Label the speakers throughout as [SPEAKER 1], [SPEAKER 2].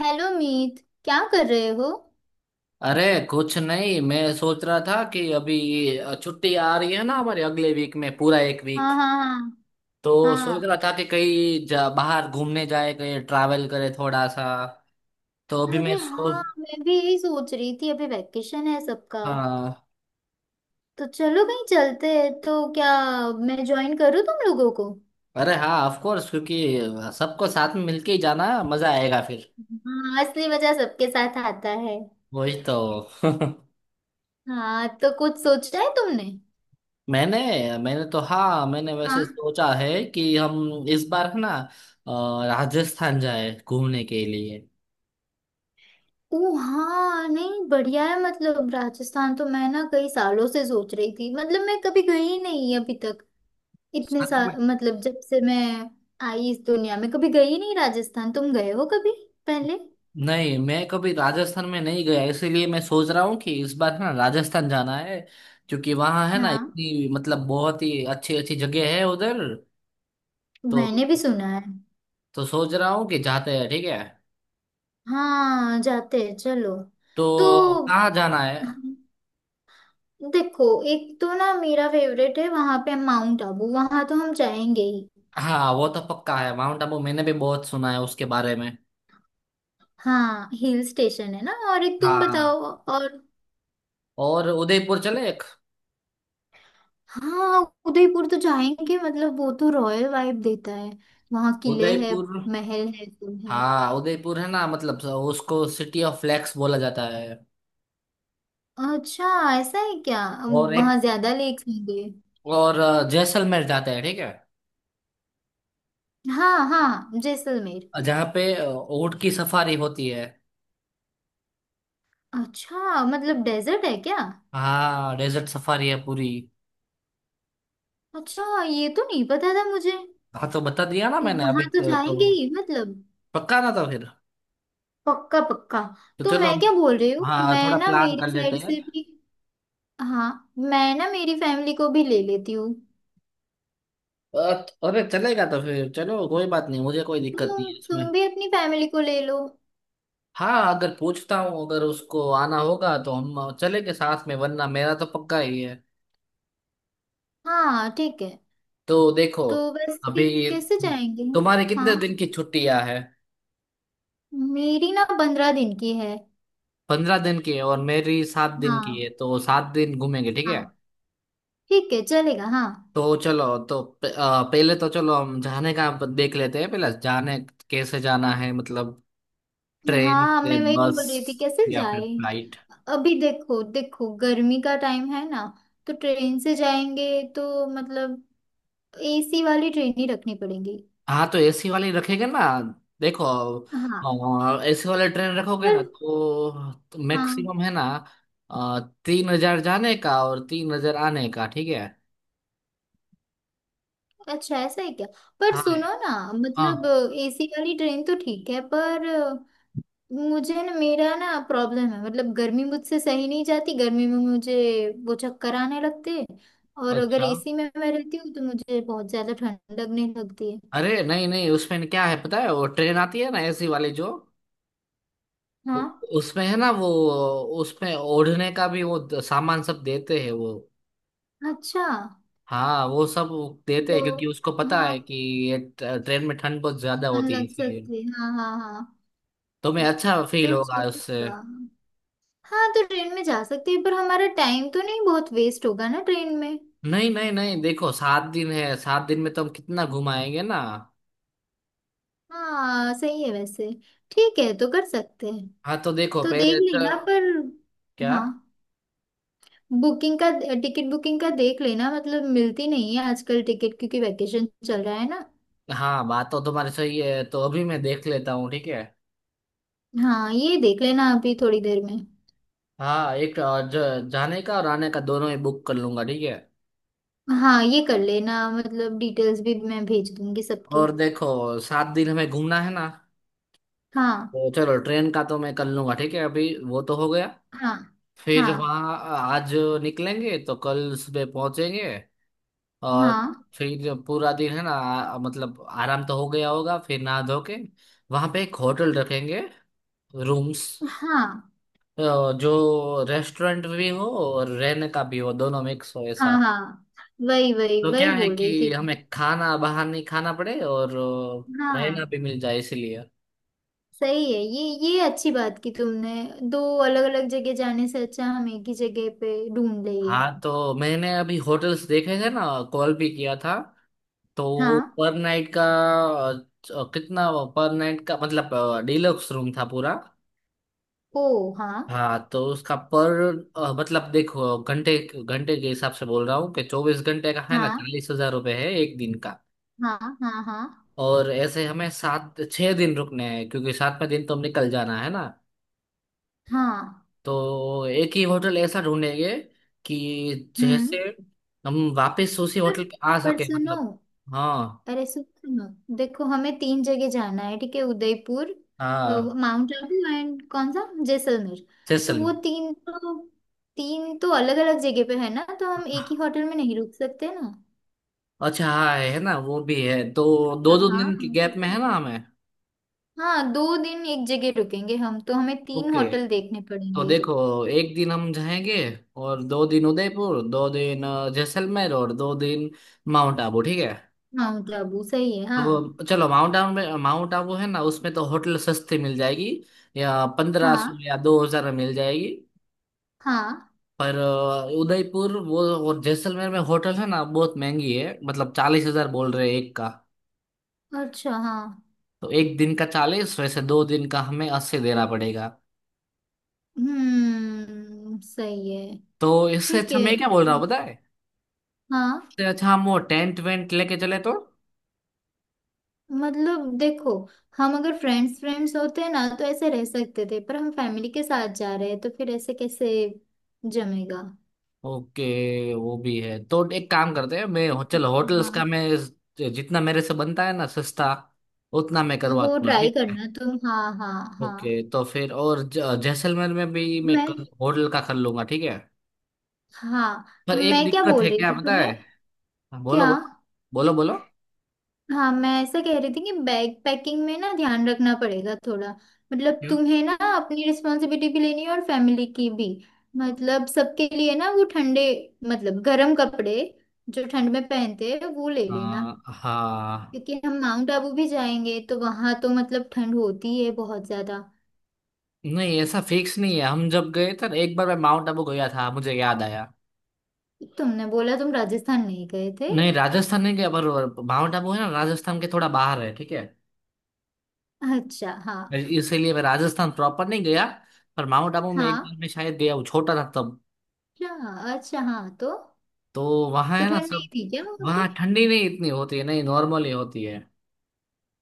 [SPEAKER 1] Hello Meet. क्या कर रहे हो?
[SPEAKER 2] अरे, कुछ नहीं। मैं सोच रहा था कि अभी छुट्टी आ रही है ना, हमारे अगले वीक में पूरा एक वीक।
[SPEAKER 1] हाँ, हाँ,
[SPEAKER 2] तो सोच
[SPEAKER 1] हाँ,
[SPEAKER 2] रहा था कि बाहर घूमने जाए, कहीं ट्रैवल करे थोड़ा सा। तो
[SPEAKER 1] हाँ,
[SPEAKER 2] अभी मैं
[SPEAKER 1] अरे
[SPEAKER 2] सो
[SPEAKER 1] हाँ, मैं भी यही सोच रही थी, अभी वैकेशन है सबका।
[SPEAKER 2] हाँ,
[SPEAKER 1] तो चलो कहीं चलते हैं। तो क्या मैं ज्वाइन करूँ तुम लोगों को?
[SPEAKER 2] अरे हाँ, ऑफ कोर्स। क्योंकि सबको साथ में मिलके ही जाना है, मजा आएगा फिर।
[SPEAKER 1] हाँ, असली मजा सबके साथ आता है।
[SPEAKER 2] वही तो।
[SPEAKER 1] हाँ, तो कुछ सोचा है तुमने?
[SPEAKER 2] मैंने मैंने तो, हाँ, मैंने
[SPEAKER 1] हाँ।
[SPEAKER 2] वैसे सोचा है कि हम इस बार है ना, राजस्थान जाए घूमने के लिए।
[SPEAKER 1] ओ हाँ, नहीं बढ़िया है, मतलब राजस्थान तो मैं ना कई सालों से सोच रही थी, मतलब मैं कभी गई ही नहीं अभी तक। इतने
[SPEAKER 2] सच
[SPEAKER 1] सा
[SPEAKER 2] में।
[SPEAKER 1] मतलब जब से मैं आई इस दुनिया में कभी गई नहीं राजस्थान। तुम गए हो कभी पहले?
[SPEAKER 2] नहीं, मैं कभी राजस्थान में नहीं गया, इसीलिए मैं सोच रहा हूँ कि इस बार है ना राजस्थान जाना है। क्योंकि वहाँ है ना,
[SPEAKER 1] हाँ,
[SPEAKER 2] इतनी मतलब बहुत ही अच्छी अच्छी जगह है उधर। तो
[SPEAKER 1] मैंने भी सुना है।
[SPEAKER 2] सोच रहा हूँ कि जाते हैं, ठीक है।
[SPEAKER 1] हाँ, जाते हैं चलो। तो
[SPEAKER 2] तो कहाँ जाना है?
[SPEAKER 1] हाँ, देखो एक तो ना मेरा फेवरेट है वहां पे माउंट आबू, वहां तो हम जाएंगे ही।
[SPEAKER 2] हाँ, वो तो पक्का है, माउंट आबू मैंने भी बहुत सुना है उसके बारे में।
[SPEAKER 1] हाँ, हिल स्टेशन है ना। और एक तुम बताओ।
[SPEAKER 2] हाँ,
[SPEAKER 1] और
[SPEAKER 2] और उदयपुर चले एक।
[SPEAKER 1] हाँ, उदयपुर तो जाएंगे, मतलब वो तो रॉयल वाइब देता है। वहां किले है,
[SPEAKER 2] उदयपुर।
[SPEAKER 1] महल है, सब है।
[SPEAKER 2] हाँ, उदयपुर है ना, मतलब उसको सिटी ऑफ फ्लैक्स बोला जाता है।
[SPEAKER 1] अच्छा, ऐसा है क्या?
[SPEAKER 2] और एक,
[SPEAKER 1] वहां ज्यादा लेक्स होंगे।
[SPEAKER 2] और जैसलमेर जाते हैं, ठीक है,
[SPEAKER 1] हाँ, हाँ जैसलमेर।
[SPEAKER 2] जहाँ पे ऊँट की सफारी होती है।
[SPEAKER 1] अच्छा, मतलब डेजर्ट है क्या?
[SPEAKER 2] हाँ, डेजर्ट सफारी है पूरी।
[SPEAKER 1] अच्छा, ये तो नहीं पता था मुझे।
[SPEAKER 2] हाँ, तो बता दिया ना मैंने
[SPEAKER 1] वहां
[SPEAKER 2] अभी।
[SPEAKER 1] तो
[SPEAKER 2] तो,
[SPEAKER 1] जाएंगे
[SPEAKER 2] तो
[SPEAKER 1] ही मतलब।
[SPEAKER 2] पक्का ना, तो फिर
[SPEAKER 1] पक्का पक्का।
[SPEAKER 2] तो
[SPEAKER 1] तो
[SPEAKER 2] चलो
[SPEAKER 1] मैं
[SPEAKER 2] हम।
[SPEAKER 1] क्या बोल रही हूँ,
[SPEAKER 2] हाँ,
[SPEAKER 1] मैं
[SPEAKER 2] थोड़ा
[SPEAKER 1] ना
[SPEAKER 2] प्लान कर
[SPEAKER 1] मेरी
[SPEAKER 2] लेते
[SPEAKER 1] साइड
[SPEAKER 2] हैं।
[SPEAKER 1] से भी, हाँ, मैं ना मेरी फैमिली को भी ले लेती हूँ।
[SPEAKER 2] अरे चलेगा, तो फिर चलो, कोई बात नहीं, मुझे कोई
[SPEAKER 1] तो
[SPEAKER 2] दिक्कत नहीं
[SPEAKER 1] तुम
[SPEAKER 2] है इसमें।
[SPEAKER 1] तुम भी अपनी फैमिली को ले लो।
[SPEAKER 2] हाँ, अगर पूछता हूँ, अगर उसको आना होगा तो हम चलेंगे साथ में, वरना मेरा तो पक्का ही है।
[SPEAKER 1] हाँ ठीक है।
[SPEAKER 2] तो देखो
[SPEAKER 1] तो वैसे
[SPEAKER 2] अभी,
[SPEAKER 1] कैसे जाएंगे हम?
[SPEAKER 2] तुम्हारी कितने
[SPEAKER 1] हाँ,
[SPEAKER 2] दिन की छुट्टियां है?
[SPEAKER 1] मेरी ना 15 दिन की है।
[SPEAKER 2] 15 दिन की है, और मेरी 7 दिन की
[SPEAKER 1] हाँ,
[SPEAKER 2] है, तो 7 दिन घूमेंगे, ठीक है।
[SPEAKER 1] हाँ, ठीक है चलेगा। हाँ,
[SPEAKER 2] तो चलो, तो पहले तो चलो हम जाने का देख लेते हैं, पहले जाने कैसे जाना है, मतलब ट्रेन
[SPEAKER 1] हाँ,
[SPEAKER 2] से,
[SPEAKER 1] मैं वही
[SPEAKER 2] बस,
[SPEAKER 1] बोल रही थी कैसे
[SPEAKER 2] या फिर
[SPEAKER 1] जाए।
[SPEAKER 2] फ्लाइट।
[SPEAKER 1] अभी देखो देखो, गर्मी का टाइम है ना। तो ट्रेन से जाएंगे तो मतलब एसी वाली ट्रेन ही रखनी पड़ेगी।
[SPEAKER 2] हाँ, तो एसी वाली रखेंगे ना। देखो,
[SPEAKER 1] हाँ,
[SPEAKER 2] एसी वाले ट्रेन रखोगे
[SPEAKER 1] पर
[SPEAKER 2] ना, तो
[SPEAKER 1] हाँ,
[SPEAKER 2] मैक्सिमम है ना 3,000 जाने का और 3,000 आने का, ठीक है।
[SPEAKER 1] अच्छा ऐसा है क्या? पर
[SPEAKER 2] हाँ
[SPEAKER 1] सुनो ना, मतलब
[SPEAKER 2] हाँ,
[SPEAKER 1] एसी वाली ट्रेन तो ठीक है, पर मुझे ना मेरा ना प्रॉब्लम है, मतलब गर्मी मुझसे सही नहीं जाती, गर्मी में मुझे वो चक्कर आने लगते हैं। और अगर
[SPEAKER 2] अच्छा।
[SPEAKER 1] एसी में मैं रहती हूँ तो मुझे बहुत ज्यादा ठंड लगने लगती है।
[SPEAKER 2] अरे नहीं नहीं, उसमें क्या है पता है, वो ट्रेन आती है ना, एसी वाली जो, उ-
[SPEAKER 1] हाँ,
[SPEAKER 2] उसमें है ना वो, उसमें ओढ़ने का भी वो सामान सब देते हैं वो।
[SPEAKER 1] अच्छा,
[SPEAKER 2] हाँ, वो सब देते
[SPEAKER 1] तो
[SPEAKER 2] हैं, क्योंकि उसको पता
[SPEAKER 1] हाँ,
[SPEAKER 2] है कि ये ट्रेन में ठंड बहुत ज्यादा
[SPEAKER 1] ठंड
[SPEAKER 2] होती है,
[SPEAKER 1] लग
[SPEAKER 2] इसलिए
[SPEAKER 1] सकती है, हाँ, हाँ, हाँ।
[SPEAKER 2] तो मैं, अच्छा फील
[SPEAKER 1] तो
[SPEAKER 2] होगा उससे।
[SPEAKER 1] चलेगा। हाँ, तो ट्रेन में जा सकते हैं, पर हमारा टाइम तो नहीं बहुत वेस्ट होगा ना ट्रेन में?
[SPEAKER 2] नहीं नहीं नहीं, देखो, 7 दिन है, 7 दिन में तो हम कितना घुमाएंगे ना।
[SPEAKER 1] हाँ, सही है वैसे। ठीक है, तो कर सकते हैं।
[SPEAKER 2] हाँ, तो देखो
[SPEAKER 1] तो देख
[SPEAKER 2] पहले तो,
[SPEAKER 1] लेना पर।
[SPEAKER 2] क्या,
[SPEAKER 1] हाँ, बुकिंग का, टिकट बुकिंग का देख लेना, मतलब मिलती नहीं है आजकल टिकट क्योंकि वैकेशन चल रहा है ना।
[SPEAKER 2] हाँ, बात तो तुम्हारी सही है, तो अभी मैं देख लेता हूँ, ठीक है।
[SPEAKER 1] हाँ, ये देख लेना अभी थोड़ी देर में।
[SPEAKER 2] हाँ, एक जाने का और आने का दोनों ही बुक कर लूंगा, ठीक है।
[SPEAKER 1] हाँ, ये कर लेना, मतलब डिटेल्स भी मैं भेज दूंगी सबकी।
[SPEAKER 2] और देखो, 7 दिन हमें घूमना है ना,
[SPEAKER 1] हाँ,
[SPEAKER 2] तो चलो, ट्रेन का तो मैं कर लूंगा, ठीक है, अभी वो तो हो गया।
[SPEAKER 1] हाँ,
[SPEAKER 2] फिर
[SPEAKER 1] हाँ,
[SPEAKER 2] वहाँ आज निकलेंगे तो कल सुबह पहुंचेंगे, और
[SPEAKER 1] हाँ,
[SPEAKER 2] फिर पूरा दिन है ना, मतलब आराम तो हो गया होगा, फिर नहा धो के वहाँ पे एक होटल रखेंगे, रूम्स
[SPEAKER 1] हाँ,
[SPEAKER 2] जो रेस्टोरेंट भी हो और रहने का भी हो, दोनों मिक्स हो
[SPEAKER 1] हाँ,
[SPEAKER 2] ऐसा।
[SPEAKER 1] हाँ, वही वही
[SPEAKER 2] तो क्या
[SPEAKER 1] वही
[SPEAKER 2] है
[SPEAKER 1] बोल रही
[SPEAKER 2] कि
[SPEAKER 1] थी।
[SPEAKER 2] हमें खाना बाहर नहीं खाना पड़े, और रहना
[SPEAKER 1] हाँ,
[SPEAKER 2] भी मिल जाए इसलिए।
[SPEAKER 1] सही है ये अच्छी बात की तुमने। दो अलग अलग जगह जाने से अच्छा हम एक ही जगह पे ढूंढ ले ये।
[SPEAKER 2] हाँ, तो मैंने अभी होटल्स देखे थे ना, कॉल भी किया था, तो
[SPEAKER 1] हाँ,
[SPEAKER 2] पर नाइट का कितना, पर नाइट का मतलब, डिलक्स रूम था पूरा।
[SPEAKER 1] ओ हाँ,
[SPEAKER 2] हाँ, तो उसका पर, मतलब देखो, घंटे घंटे के हिसाब से बोल रहा हूँ कि 24 घंटे का है ना,
[SPEAKER 1] हाँ,
[SPEAKER 2] 40,000 रुपये है एक दिन का।
[SPEAKER 1] हाँ, हाँ, हाँ,
[SPEAKER 2] और ऐसे हमें सात छह दिन रुकने हैं, क्योंकि सातवें दिन तो हम निकल जाना है ना।
[SPEAKER 1] हाँ।
[SPEAKER 2] तो एक ही होटल ऐसा ढूंढेंगे कि
[SPEAKER 1] हम्म
[SPEAKER 2] जैसे हम वापस उसी
[SPEAKER 1] पर
[SPEAKER 2] होटल पे आ
[SPEAKER 1] पर
[SPEAKER 2] सके,
[SPEAKER 1] सुनो,
[SPEAKER 2] मतलब। हाँ
[SPEAKER 1] अरे सुनो, देखो हमें तीन जगह जाना है, ठीक है, उदयपुर,
[SPEAKER 2] हाँ,
[SPEAKER 1] माउंट आबू एंड कौन सा जैसलमेर। तो वो
[SPEAKER 2] जैसलमेर।
[SPEAKER 1] तीन तो अलग अलग जगह पे है ना, तो हम एक ही होटल में नहीं रुक सकते ना।
[SPEAKER 2] अच्छा हाँ, है ना, वो भी है तो
[SPEAKER 1] है
[SPEAKER 2] दो
[SPEAKER 1] ना?
[SPEAKER 2] दो
[SPEAKER 1] हाँ,
[SPEAKER 2] दिन की
[SPEAKER 1] हम तो,
[SPEAKER 2] गैप में है ना हमें।
[SPEAKER 1] हाँ 2 दिन एक जगह रुकेंगे हम, तो हमें तीन
[SPEAKER 2] ओके,
[SPEAKER 1] होटल देखने
[SPEAKER 2] तो
[SPEAKER 1] पड़ेंगे।
[SPEAKER 2] देखो, एक दिन हम जाएंगे, और 2 दिन उदयपुर, 2 दिन जैसलमेर, और 2 दिन माउंट आबू, ठीक है।
[SPEAKER 1] माउंट आबू सही है, हाँ।
[SPEAKER 2] तो चलो, माउंट आबू में, माउंट आबू है ना, उसमें तो होटल सस्ती मिल जाएगी, या पंद्रह
[SPEAKER 1] हाँ,
[SPEAKER 2] सौ या 2,000 में मिल जाएगी।
[SPEAKER 1] हाँ,
[SPEAKER 2] पर उदयपुर वो और जैसलमेर में होटल है ना बहुत महंगी है, मतलब 40,000 बोल रहे हैं एक का।
[SPEAKER 1] अच्छा, हाँ।
[SPEAKER 2] तो एक दिन का 40, वैसे दो दिन का हमें 80 देना पड़ेगा।
[SPEAKER 1] हम्म, सही है,
[SPEAKER 2] तो इससे
[SPEAKER 1] ठीक
[SPEAKER 2] अच्छा,
[SPEAKER 1] है,
[SPEAKER 2] मैं क्या बोल रहा हूँ पता है,
[SPEAKER 1] हाँ।
[SPEAKER 2] इससे अच्छा हम वो टेंट वेंट लेके चले तो।
[SPEAKER 1] मतलब देखो, हम अगर फ्रेंड्स फ्रेंड्स होते हैं ना तो ऐसे रह सकते थे, पर हम फैमिली के साथ जा रहे हैं तो फिर ऐसे कैसे जमेगा।
[SPEAKER 2] ओके, वो भी है, तो एक काम करते हैं, मैं चलो, होटल्स
[SPEAKER 1] हाँ,
[SPEAKER 2] का मैं जितना मेरे से बनता है ना सस्ता, उतना मैं करवा
[SPEAKER 1] वो
[SPEAKER 2] दूंगा,
[SPEAKER 1] ट्राई
[SPEAKER 2] ठीक है।
[SPEAKER 1] करना तुम, हाँ, हाँ।
[SPEAKER 2] ओके,
[SPEAKER 1] हाँ
[SPEAKER 2] तो फिर और जैसलमेर में भी मैं
[SPEAKER 1] मैं,
[SPEAKER 2] होटल का कर लूंगा, ठीक है।
[SPEAKER 1] हाँ,
[SPEAKER 2] पर एक
[SPEAKER 1] मैं क्या
[SPEAKER 2] दिक्कत
[SPEAKER 1] बोल
[SPEAKER 2] है,
[SPEAKER 1] रही
[SPEAKER 2] क्या
[SPEAKER 1] थी
[SPEAKER 2] पता है।
[SPEAKER 1] तुम्हें?
[SPEAKER 2] हाँ, बोलो
[SPEAKER 1] क्या?
[SPEAKER 2] बोलो। बोलो बोलो।
[SPEAKER 1] हाँ, मैं ऐसा कह रही थी कि बैग पैकिंग में ना ध्यान रखना पड़ेगा थोड़ा। मतलब
[SPEAKER 2] क्यों?
[SPEAKER 1] तुम्हें ना अपनी रिस्पॉन्सिबिलिटी भी लेनी है और फैमिली की भी। मतलब सबके लिए ना वो ठंडे, मतलब गर्म कपड़े जो ठंड में पहनते हैं वो ले लेना।
[SPEAKER 2] हाँ हाँ।
[SPEAKER 1] क्योंकि हम माउंट आबू भी जाएंगे तो वहां तो मतलब ठंड होती है बहुत ज्यादा।
[SPEAKER 2] नहीं, ऐसा फिक्स नहीं है, हम जब गए थे ना एक बार, मैं माउंट आबू गया था, मुझे याद आया।
[SPEAKER 1] तुमने बोला तुम राजस्थान नहीं गए थे।
[SPEAKER 2] नहीं, राजस्थान नहीं गया, पर माउंट आबू है ना, राजस्थान के थोड़ा बाहर है, ठीक है।
[SPEAKER 1] अच्छा हाँ।
[SPEAKER 2] इसीलिए मैं राजस्थान प्रॉपर नहीं गया, पर माउंट आबू में एक
[SPEAKER 1] हाँ,
[SPEAKER 2] बार मैं शायद गया हूँ, छोटा था तब।
[SPEAKER 1] अच्छा, अच्छा, हाँ तो
[SPEAKER 2] तो वहाँ
[SPEAKER 1] तो
[SPEAKER 2] है ना
[SPEAKER 1] ठंड नहीं
[SPEAKER 2] सब,
[SPEAKER 1] थी क्या वहां
[SPEAKER 2] वहाँ
[SPEAKER 1] पे?
[SPEAKER 2] ठंडी नहीं इतनी होती है, नहीं, नॉर्मली होती है।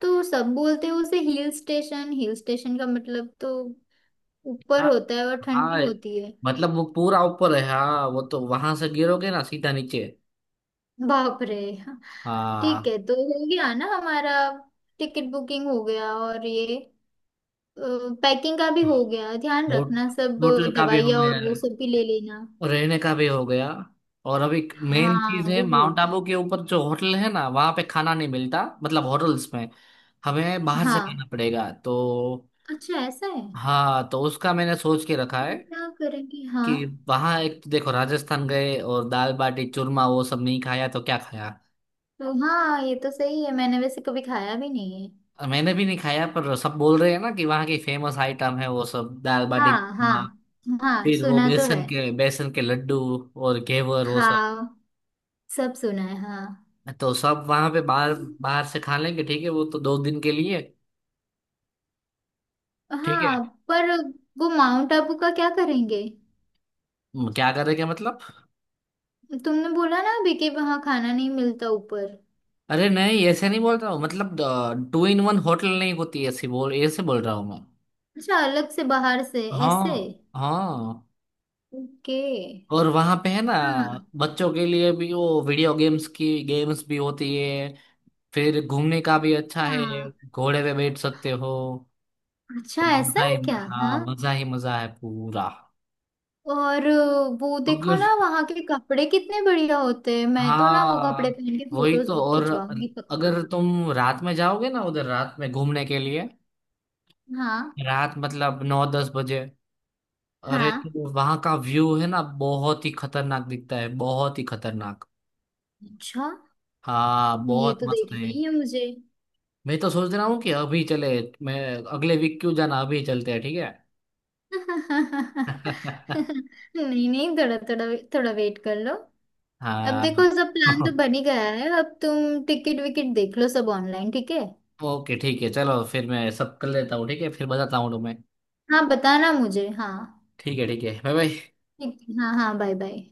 [SPEAKER 1] तो सब बोलते हैं उसे हिल स्टेशन, हिल स्टेशन का मतलब तो ऊपर
[SPEAKER 2] हाँ
[SPEAKER 1] होता है और ठंड
[SPEAKER 2] हाँ।
[SPEAKER 1] भी होती है।
[SPEAKER 2] मतलब वो पूरा ऊपर है, हाँ, वो तो वहां से गिरोगे ना सीधा नीचे।
[SPEAKER 1] बाप रे। ठीक
[SPEAKER 2] हाँ।
[SPEAKER 1] है, तो हो गया ना हमारा। टिकट बुकिंग हो गया, और ये पैकिंग का भी हो गया, ध्यान
[SPEAKER 2] हो-
[SPEAKER 1] रखना सब।
[SPEAKER 2] होटल का भी हो
[SPEAKER 1] दवाइयाँ और
[SPEAKER 2] गया,
[SPEAKER 1] वो सब भी ले लेना।
[SPEAKER 2] रहने का भी हो गया। और अभी मेन
[SPEAKER 1] हाँ,
[SPEAKER 2] चीज है,
[SPEAKER 1] वो भी
[SPEAKER 2] माउंट
[SPEAKER 1] होगा।
[SPEAKER 2] आबू के ऊपर जो होटल है ना, वहां पे खाना नहीं मिलता, मतलब होटल्स में, हमें बाहर से खाना
[SPEAKER 1] हाँ,
[SPEAKER 2] पड़ेगा तो।
[SPEAKER 1] अच्छा ऐसा है।
[SPEAKER 2] हाँ, तो उसका मैंने सोच के रखा है
[SPEAKER 1] तो क्या करेंगे, हाँ?
[SPEAKER 2] कि वहाँ एक तो देखो, राजस्थान गए और दाल बाटी चूरमा वो सब नहीं खाया तो क्या खाया।
[SPEAKER 1] तो हाँ, ये तो सही है, मैंने वैसे कभी खाया भी नहीं है।
[SPEAKER 2] मैंने भी नहीं खाया, पर सब बोल रहे हैं ना कि वहाँ की फेमस आइटम है वो सब, दाल बाटी
[SPEAKER 1] हाँ, हाँ,
[SPEAKER 2] चूरमा,
[SPEAKER 1] हाँ,
[SPEAKER 2] फिर वो
[SPEAKER 1] सुना तो है,
[SPEAKER 2] बेसन के लड्डू, और घेवर वो सब।
[SPEAKER 1] हाँ, सब सुना है, हाँ।
[SPEAKER 2] तो सब वहां पे, बाहर बाहर से खा लेंगे, ठीक है, वो तो 2 दिन के लिए। ठीक है।
[SPEAKER 1] हाँ, पर वो माउंट आबू का क्या करेंगे?
[SPEAKER 2] क्या करेंगे मतलब।
[SPEAKER 1] तुमने बोला ना अभी कि वहाँ खाना नहीं मिलता ऊपर।
[SPEAKER 2] अरे नहीं, ऐसे नहीं बोल रहा हूँ, मतलब टू इन वन होटल नहीं होती ऐसी, बोल ऐसे बोल रहा हूँ मैं।
[SPEAKER 1] अच्छा, अलग से बाहर से ऐसे?
[SPEAKER 2] हाँ हाँ।
[SPEAKER 1] ओके।
[SPEAKER 2] और वहां पे है ना
[SPEAKER 1] हाँ,
[SPEAKER 2] बच्चों के लिए भी वो वीडियो गेम्स की गेम्स भी होती है, फिर घूमने का भी अच्छा है,
[SPEAKER 1] हाँ,
[SPEAKER 2] घोड़े पे बैठ सकते हो।
[SPEAKER 1] अच्छा ऐसा
[SPEAKER 2] मजा
[SPEAKER 1] है
[SPEAKER 2] ही,
[SPEAKER 1] क्या?
[SPEAKER 2] हाँ,
[SPEAKER 1] हाँ,
[SPEAKER 2] मजा ही मजा है पूरा।
[SPEAKER 1] और वो देखो ना, वहाँ के कपड़े कितने बढ़िया होते हैं, मैं तो ना वो कपड़े
[SPEAKER 2] हाँ,
[SPEAKER 1] पहन के
[SPEAKER 2] वही
[SPEAKER 1] फोटोज
[SPEAKER 2] तो।
[SPEAKER 1] बुक
[SPEAKER 2] और
[SPEAKER 1] खिंचवाऊंगी
[SPEAKER 2] अगर
[SPEAKER 1] पक्का।
[SPEAKER 2] तुम रात में जाओगे ना उधर, रात में घूमने के लिए,
[SPEAKER 1] हाँ,
[SPEAKER 2] रात मतलब 9-10 बजे, अरे
[SPEAKER 1] हाँ,
[SPEAKER 2] तो वहां का व्यू है ना बहुत ही खतरनाक दिखता है, बहुत ही खतरनाक।
[SPEAKER 1] अच्छा
[SPEAKER 2] हाँ,
[SPEAKER 1] ये
[SPEAKER 2] बहुत
[SPEAKER 1] तो
[SPEAKER 2] मस्त
[SPEAKER 1] देखना
[SPEAKER 2] है।
[SPEAKER 1] ही है मुझे।
[SPEAKER 2] मैं तो सोच रहा हूँ कि अभी चले, मैं, अगले वीक क्यों जाना, अभी चलते हैं, ठीक है।
[SPEAKER 1] नहीं, नहीं, थोड़ा थोड़ा, थोड़ा वेट कर लो। अब
[SPEAKER 2] हाँ।
[SPEAKER 1] देखो सब प्लान तो बन ही गया है, अब तुम टिकट विकेट देख लो सब ऑनलाइन, ठीक है।
[SPEAKER 2] ओके, ठीक है, चलो फिर मैं सब कर लेता हूँ, ठीक है, फिर बताता हूँ तुम्हें।
[SPEAKER 1] हाँ, बताना मुझे हाँ।
[SPEAKER 2] ठीक है ठीक है, बाय बाय।
[SPEAKER 1] ठीक है, हाँ, हाँ, बाय बाय।